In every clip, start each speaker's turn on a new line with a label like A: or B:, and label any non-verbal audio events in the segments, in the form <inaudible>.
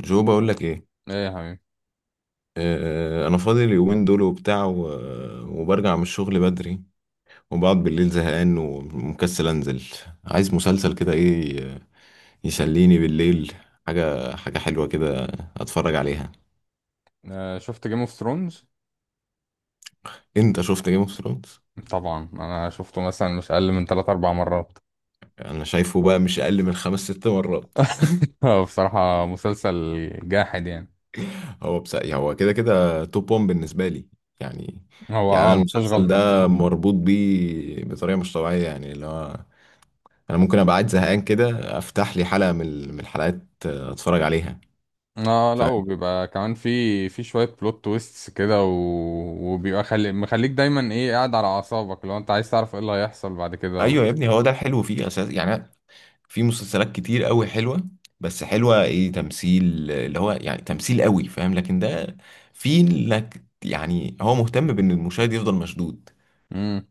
A: جو، بقول لك ايه؟
B: ايه يا حبيبي.
A: انا فاضي اليومين دول وبتاع وبرجع من الشغل بدري، وبقعد بالليل زهقان ومكسل انزل. عايز مسلسل كده، ايه يسليني بالليل؟ حاجه حلوه كده اتفرج عليها.
B: شفت جيم اوف ثرونز؟
A: انت شفت جيم اوف ثرونز؟
B: طبعا انا شفته مثلا مش اقل من 3 4 مرات.
A: انا شايفه بقى مش اقل من 5 6 مرات.
B: <laughs> هو بصراحة مسلسل جاحد يعني.
A: هو بس هو كده كده توب 1 بالنسبه لي يعني.
B: هو اه
A: انا
B: ما فيهوش
A: المسلسل
B: غلطة.
A: ده مربوط بيه بطريقه مش طبيعيه يعني اللي هو، انا ممكن ابقى قاعد زهقان كده افتح لي حلقه من الحلقات، اتفرج عليها.
B: اه لا
A: فاهم؟
B: وبيبقى كمان في شوية بلوت تويستس كده وبيبقى مخليك دايما ايه، قاعد على اعصابك لو انت عايز تعرف ايه اللي هيحصل بعد كده
A: ايوه يا ابني، هو ده الحلو فيه اساس يعني. في مسلسلات كتير قوي حلوه، بس حلوه ايه؟ تمثيل اللي هو يعني تمثيل قوي فاهم، لكن ده في لك يعني، هو مهتم بان المشاهد يفضل مشدود.
B: مم.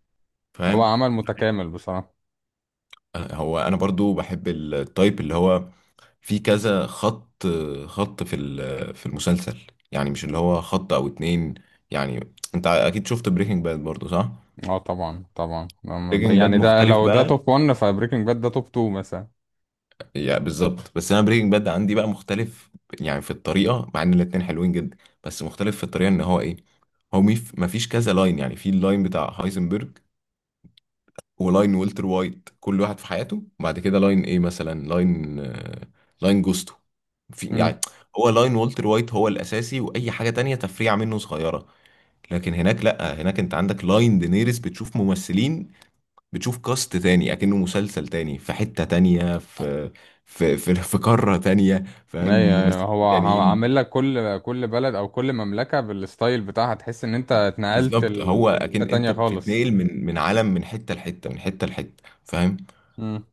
B: هو
A: فاهم؟
B: عمل متكامل بصراحة.
A: هو انا برضو بحب التايب اللي هو في كذا خط في المسلسل. يعني مش اللي هو خط او اتنين. يعني انت اكيد شفت بريكنج باد برضو، صح؟
B: اه طبعا طبعا،
A: بريكنج باد
B: يعني ده
A: مختلف
B: لو ده
A: بقى.
B: توب 1 فبريكنج باد ده توب 2 مثلا.
A: يعني بالظبط، بس انا بريكنج باد عندي بقى مختلف. يعني في الطريقه، مع ان الاتنين حلوين جدا، بس مختلف في الطريقه ان هو ايه. هو مفيش كذا لاين يعني، في اللاين بتاع هايزنبرج، ولاين والتر وايت، كل واحد في حياته. وبعد كده لاين ايه مثلا؟ لاين لاين جوستو، في يعني. هو لاين والتر وايت هو الاساسي، واي حاجه تانية تفريعه منه صغيره. لكن هناك، لا، هناك انت عندك لاين دينيريس، بتشوف ممثلين، بتشوف كاست تاني، اكنه مسلسل تاني في حتة تانية، في قارة تانية، فاهم؟
B: ايوه
A: ممثلين
B: هو هو
A: تانيين.
B: عامل لك كل كل بلد او كل مملكة بالستايل بتاعها، تحس ان انت اتنقلت
A: بالظبط، هو
B: لحتة
A: اكن
B: تانية
A: انت
B: خالص.
A: بتتنقل من عالم، من حتة لحتة، من حتة لحتة. فاهم؟
B: امم.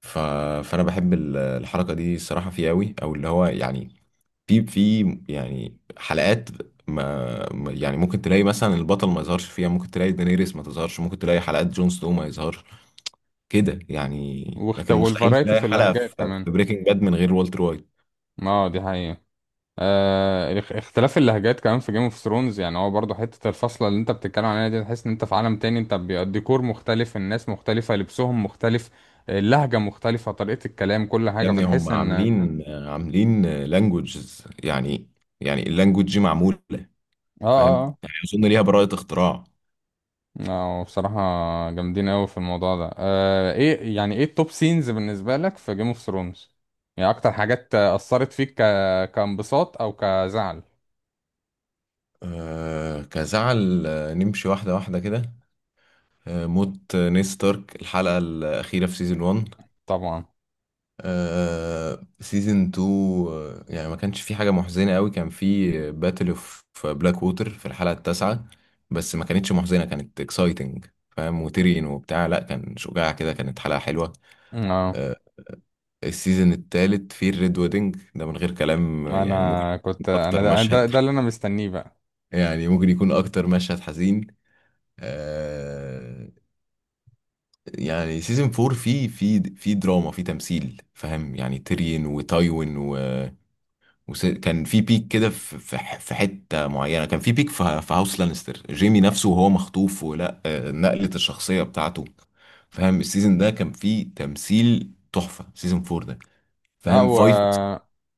A: ف... فانا بحب الحركة دي الصراحة فيه قوي، او اللي هو يعني، في يعني حلقات، يعني ممكن تلاقي مثلا البطل ما يظهرش فيها، ممكن تلاقي دانيريس ما تظهرش، ممكن تلاقي حلقات جون سنو ما يظهرش كده يعني. لكن مستحيل
B: والفرايتي
A: تلاقي
B: في
A: حلقة
B: اللهجات
A: في
B: كمان.
A: بريكنج باد من غير والتر وايت.
B: اه دي حقيقة. اختلاف اللهجات كمان في جيم اوف ثرونز، يعني هو برضه حتة الفصلة اللي انت بتتكلم عليها دي تحس ان انت في عالم تاني، انت الديكور مختلف، الناس مختلفة، لبسهم مختلف، اللهجة مختلفة، طريقة الكلام، كل
A: يا
B: حاجة
A: ابني، هم
B: فتحس ان اه.
A: عاملين لانجوجز يعني. يعني اللانجوج دي معمولة،
B: اه
A: فاهم؟
B: آه.
A: يعني أظن ليها براءة اختراع.
B: اه بصراحة جامدين قوي في الموضوع ده. آه ايه يعني، ايه التوب سينز بالنسبة لك في جيم اوف ثرونز؟ يعني اكتر حاجات اثرت فيك كانبساط او كزعل؟
A: كزعل. نمشي واحدة واحدة كده. موت نيد ستارك الحلقة الأخيرة في سيزون 1.
B: طبعا.
A: سيزون 2. يعني ما كانش في حاجة محزنة قوي، كان في باتل اوف بلاك ووتر في الحلقة التاسعة. بس ما كانتش محزنة، كانت اكسايتنج فاهم، وتيرين وبتاع، لا كان شجاع كده، كانت حلقة حلوة.
B: اه
A: آه السيزون التالت في الريد ويدنج ده من غير كلام، يعني ممكن
B: انا
A: يكون
B: كنت، انا
A: اكتر
B: ده ده,
A: مشهد،
B: ده اللي انا مستنيه بقى.
A: يعني ممكن يكون اكتر مشهد حزين. آه يعني سيزون 4 فيه في دراما، في تمثيل فاهم يعني، تيرين وتايوين. وكان في بيك كده في حته معينه، كان في بيك في هاوس لانستر، جيمي نفسه وهو مخطوف، ولا نقله الشخصيه بتاعته. فاهم، السيزون ده كان فيه تمثيل تحفه، سيزون فور ده.
B: اه
A: فاهم؟ فايف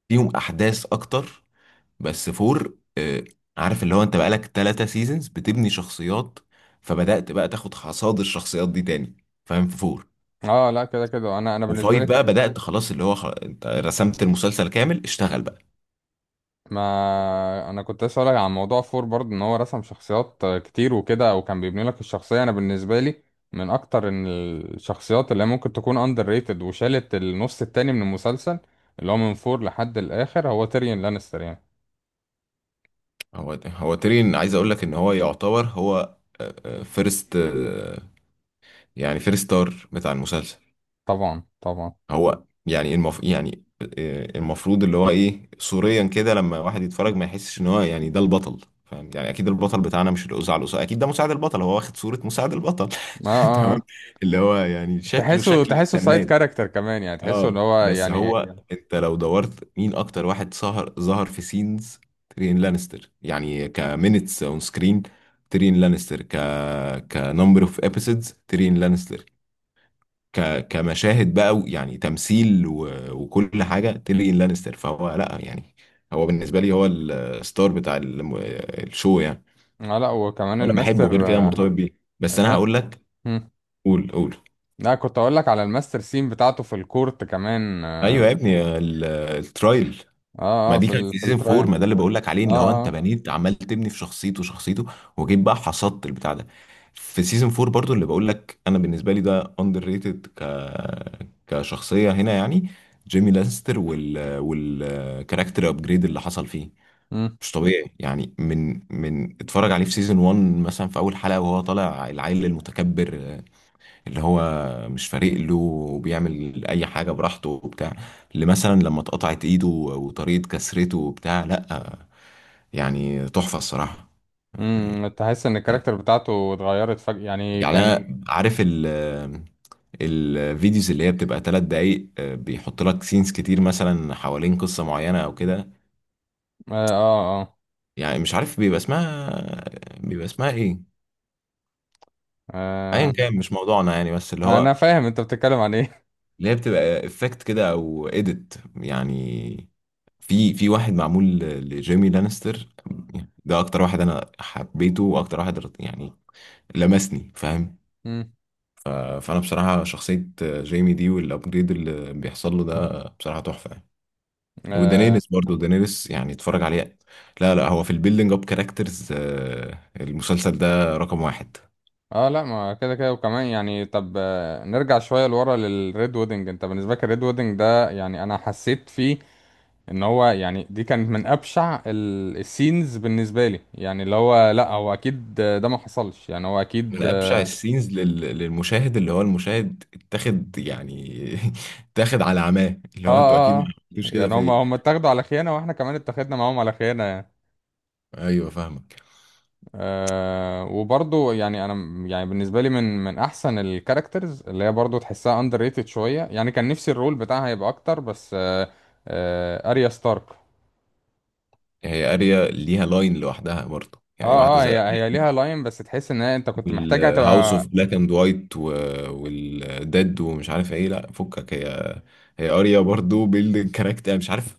A: فيهم احداث اكتر، بس فور، عارف اللي هو، انت بقالك 3 سيزونز بتبني شخصيات، فبدات بقى تاخد حصاد الشخصيات دي تاني، فاهم؟ في فور
B: اه لا كده كده، انا بالنسبة
A: وفايف
B: لي،
A: بقى بدات خلاص، اللي هو انت رسمت المسلسل كامل، اشتغل بقى.
B: ما انا كنت لسه هقولك عن موضوع فور برضه، ان هو رسم شخصيات كتير وكده وكان بيبني لك الشخصيه. انا بالنسبه لي من اكتر إن الشخصيات اللي هي ممكن تكون اندر ريتد وشالت النص التاني من المسلسل، اللي هو من فور لحد الاخر، هو تيريون لانستر يعني.
A: هو تيرين، عايز اقول لك ان هو يعتبر هو فيرست، يعني فيرست ستار بتاع المسلسل.
B: طبعا طبعا.
A: هو يعني المفروض اللي هو ايه صوريا كده، لما واحد يتفرج ما يحسش ان هو يعني ده البطل، فاهم؟ يعني اكيد البطل بتاعنا مش الاذاعه، الاذاعه اكيد ده مساعد البطل، هو واخد صوره مساعد البطل.
B: اه
A: <laughs>
B: اه
A: تمام.
B: آه.
A: اللي هو يعني شكله
B: تحسه
A: شكل
B: تحسه سايد
A: سناد.
B: كاركتر كمان، يعني تحسه اللي
A: اه،
B: هو
A: بس يا نهار
B: يعني.
A: هو أبيض، انت لو دورت مين اكتر واحد سهر ظهر في سينز، تيريون لانستر، يعني كمينتس اون سكرين تيريون لانستر، كنمبر اوف ابيسودز تيريون لانستر، كمشاهد بقى يعني تمثيل وكل حاجه تيريون لانستر. فهو لا يعني، هو بالنسبه لي هو الستار بتاع الشو يعني.
B: اه لا وكمان
A: وانا بحبه، طب غير
B: الماستر
A: كده
B: آه،
A: مرتبط بيه، بس انا
B: الم...
A: هقول لك.
B: هم.
A: قول قول.
B: لا كنت اقول لك على الماستر سين بتاعته في الكورت كمان. اه
A: ايوه يا ابني، الترايل.
B: اه
A: ما
B: آه،
A: دي
B: في
A: كانت
B: ال...
A: في
B: في
A: سيزون فور،
B: الترايل.
A: ما ده اللي بقول لك عليه، اللي هو
B: اه
A: انت
B: اه
A: بنيت، عمال تبني في شخصيته شخصيته، وجيت بقى حصدت البتاع ده. في سيزون فور برضو اللي بقول لك، انا بالنسبه لي ده اندر ريتد كشخصيه هنا يعني، جيمي لانستر، والكاركتر ابجريد اللي حصل فيه
B: مم.
A: مش طبيعي يعني، من اتفرج عليه في سيزون 1 مثلا في اول حلقه، وهو طالع العيل المتكبر اللي هو مش فارق له وبيعمل اي حاجه براحته وبتاع. اللي مثلا لما اتقطعت ايده وطريقه كسرته وبتاع، لا يعني تحفه الصراحه.
B: امم، تحس ان
A: يعني
B: الكاركتر بتاعته اتغيرت فجأة يعني
A: يعني
B: كان.
A: انا عارف الفيديوز اللي هي بتبقى 3 دقايق، بيحط لك سينز كتير مثلا حوالين قصه معينه او كده.
B: اه آه.
A: يعني مش عارف بيبقى اسمها ايه. ايا كان، مش موضوعنا يعني، بس اللي
B: آه، انا
A: هو،
B: فاهم انت بتتكلم عن ايه. <laughs>
A: اللي هي بتبقى افكت كده او اديت يعني، في واحد معمول لجيمي لانستر. يعني ده اكتر واحد انا حبيته، واكتر واحد يعني لمسني فاهم.
B: مم.
A: فانا بصراحه، شخصيه جيمي دي والابجريد اللي بيحصل له ده بصراحه تحفه يعني.
B: اه
A: ودانيريس برضه، دانيريس يعني اتفرج عليه. لا لا، هو في البيلدينج اب كاركترز، المسلسل ده رقم واحد.
B: آه، لا ما كده كده وكمان يعني، طب آه، نرجع شويه لورا للريد ويدنج. انت بالنسبه لك الريد ويدنج ده، يعني انا حسيت فيه ان هو يعني، دي كانت من ابشع السينز بالنسبه لي، يعني اللي هو لا، هو اكيد آه، ده ما حصلش يعني، هو اكيد
A: من
B: اه.
A: ابشع السينز للمشاهد، اللي هو المشاهد اتاخد يعني. <laughs> اتاخد على عماه، اللي
B: اه
A: هو انتوا اكيد ما
B: آه.
A: عملتوش كده
B: يعني
A: في
B: هم
A: ايه.
B: هم اتاخدوا على خيانه واحنا كمان اتاخدنا معاهم على خيانه.
A: ايوه فاهمك.
B: آه وبرضو يعني يعني بالنسبه لي من من احسن الكاركترز اللي هي برضو تحسها اندر ريتد شويه، يعني كان نفسي الرول بتاعها يبقى اكتر بس آه، آه اريا ستارك.
A: هي اريا ليها لاين لوحدها برضه يعني، واحده
B: اه اه
A: زي
B: هي ليها لاين، بس تحس ان هي انت كنت محتاجها
A: والهاوس
B: تبقى.
A: اوف بلاك اند وايت والديد ومش عارف ايه، لا فكك. هي اريا برضو بيلد كاركتر مش عارف،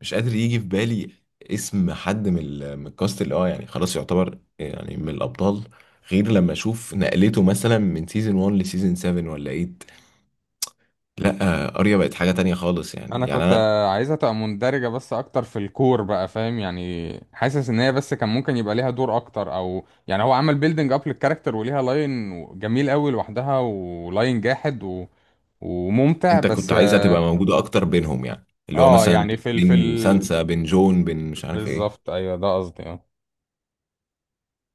A: مش قادر يجي في بالي اسم حد من الكاست اللي اه يعني خلاص يعتبر يعني من الابطال، غير لما اشوف نقلته مثلا من سيزون 1 لسيزون 7 ولا 8. لا اريا بقت حاجة تانية خالص
B: انا
A: يعني
B: كنت
A: انا.
B: آه، عايزها تبقى مندرجه بس اكتر في الكور بقى، فاهم يعني، حاسس ان هي بس كان ممكن يبقى ليها دور اكتر، او يعني هو عمل بيلدينج اب للكاركتر وليها لاين جميل قوي لوحدها ولاين جاحد وممتع
A: انت
B: بس
A: كنت عايزها
B: آه،
A: تبقى موجودة اكتر بينهم يعني، اللي هو
B: اه
A: مثلا
B: يعني في ال في
A: بين
B: ال
A: سانسا، بين جون، بين مش عارف ايه.
B: بالظبط، ايوه ده قصدي اه.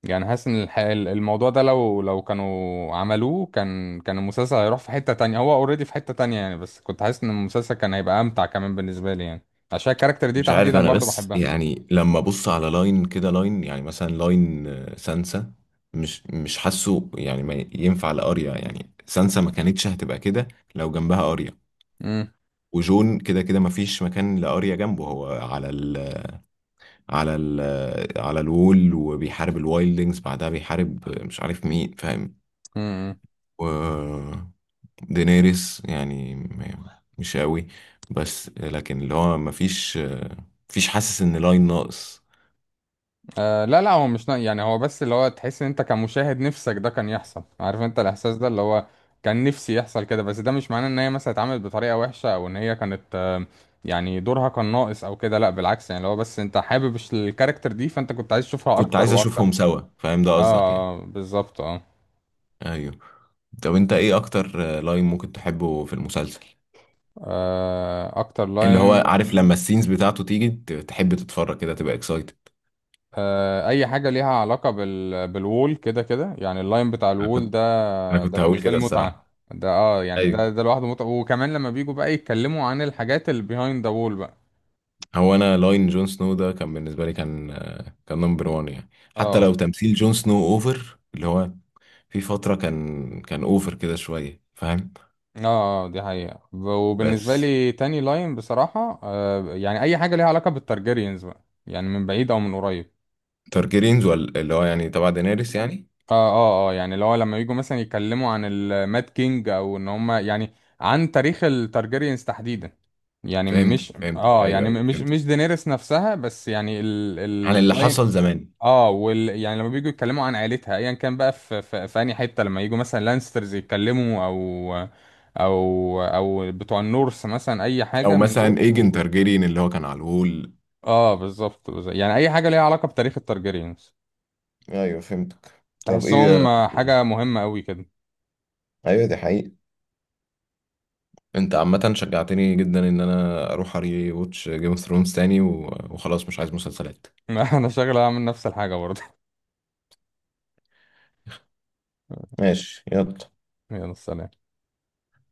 B: يعني حاسس ان الموضوع ده، لو لو كانوا عملوه كان كان المسلسل هيروح في حتة تانية، هو اوريدي في حتة تانية يعني، بس كنت حاسس ان المسلسل كان هيبقى امتع كمان بالنسبة لي يعني، عشان الكاركتر دي
A: مش عارف
B: تحديدا
A: انا،
B: برضو
A: بس
B: بحبها.
A: يعني لما ابص على لاين كده، لاين يعني مثلا لاين سانسا، مش حاسه يعني، ما ينفع لاريا يعني، سانسا ما كانتش هتبقى كده لو جنبها اريا.
B: امم.
A: وجون كده كده ما فيش مكان لاريا جنبه، هو على ال على الوول وبيحارب الوايلدنجز، بعدها بيحارب مش عارف مين فاهم.
B: امم، امم.
A: و دينيريس يعني مش قوي، بس لكن اللي هو ما فيش آه، مفيش حاسس ان لاين ناقص.
B: آه لا لا، هو مش نا... يعني هو بس اللي هو، تحس ان انت كمشاهد نفسك ده كان يحصل، عارف انت الاحساس ده اللي هو كان نفسي يحصل كده، بس ده مش معناه ان هي مثلا اتعملت بطريقة وحشة او ان هي كانت آه، يعني دورها كان ناقص او كده، لا بالعكس يعني، اللي هو بس انت حابب الكاركتر دي فانت كنت عايز تشوفها
A: كنت
B: اكتر
A: عايز
B: واكتر.
A: اشوفهم سوا، فاهم ده قصدك يعني.
B: اه بالظبط اه.
A: ايوه. طب انت ايه اكتر لاين ممكن تحبه في المسلسل؟
B: آه، اكتر
A: اللي هو
B: لاين
A: عارف لما السينز بتاعته تيجي تحب تتفرج كده تبقى اكسايتد.
B: آه اي حاجة ليها علاقة بالوول كده كده يعني، اللاين بتاع
A: انا
B: الوول
A: كنت
B: ده،
A: انا
B: ده
A: كنت هقول
B: بالنسبة لي
A: كده
B: متعة.
A: الصراحه.
B: ده اه يعني ده
A: ايوه.
B: ده لوحده متعة، وكمان لما بيجوا بقى يتكلموا عن الحاجات اللي behind the wall بقى.
A: هو انا لاين جون سنو ده كان بالنسبه لي، كان كان نمبر 1 يعني، حتى
B: اه
A: لو تمثيل جون سنو اوفر اللي هو، في فتره كان اوفر كده شويه فاهم.
B: اه آه، دي حقيقة. وبالنسبة
A: بس
B: لي تاني لاين بصراحة آه، يعني أي حاجة ليها علاقة بالتارجيريانز بقى، يعني من بعيد أو من قريب.
A: تارجيرينز ولا اللي هو يعني تبع دينيريس يعني.
B: اه اه اه يعني اللي هو لما يجوا مثلا يتكلموا عن الماد كينج، أو إن هما يعني عن تاريخ التارجيريانز تحديدا، يعني
A: فهمتك
B: مش
A: فهمتك،
B: اه
A: ايوه
B: يعني
A: ايوه
B: مش
A: فهمتك،
B: مش دينيرس نفسها بس، يعني
A: عن اللي
B: اللاين.
A: حصل زمان،
B: اه يعني لما بييجوا يتكلموا عن عيلتها ايا كان بقى، في انهي حته، لما يجوا مثلا لانسترز يتكلموا او او بتوع النورس مثلا، اي
A: او
B: حاجه من
A: مثلا
B: دول.
A: ايجن تارجيريان اللي هو كان على الهول.
B: اه بالظبط بالظبط. يعني اي حاجه ليها علاقه بتاريخ التارجيريانز
A: ايوه فهمتك طب ايه
B: تحسهم آه،
A: يعني.
B: حاجه مهمه قوي كده.
A: ايوه دي حقيقة. انت عامة شجعتني جدا ان انا اروح اري واتش جيم اوف ثرونز تاني، وخلاص مش عايز مسلسلات.
B: <laughs> انا شغله اعمل نفس الحاجه برضه.
A: ماشي يلا.
B: <laughs> يلا سلام.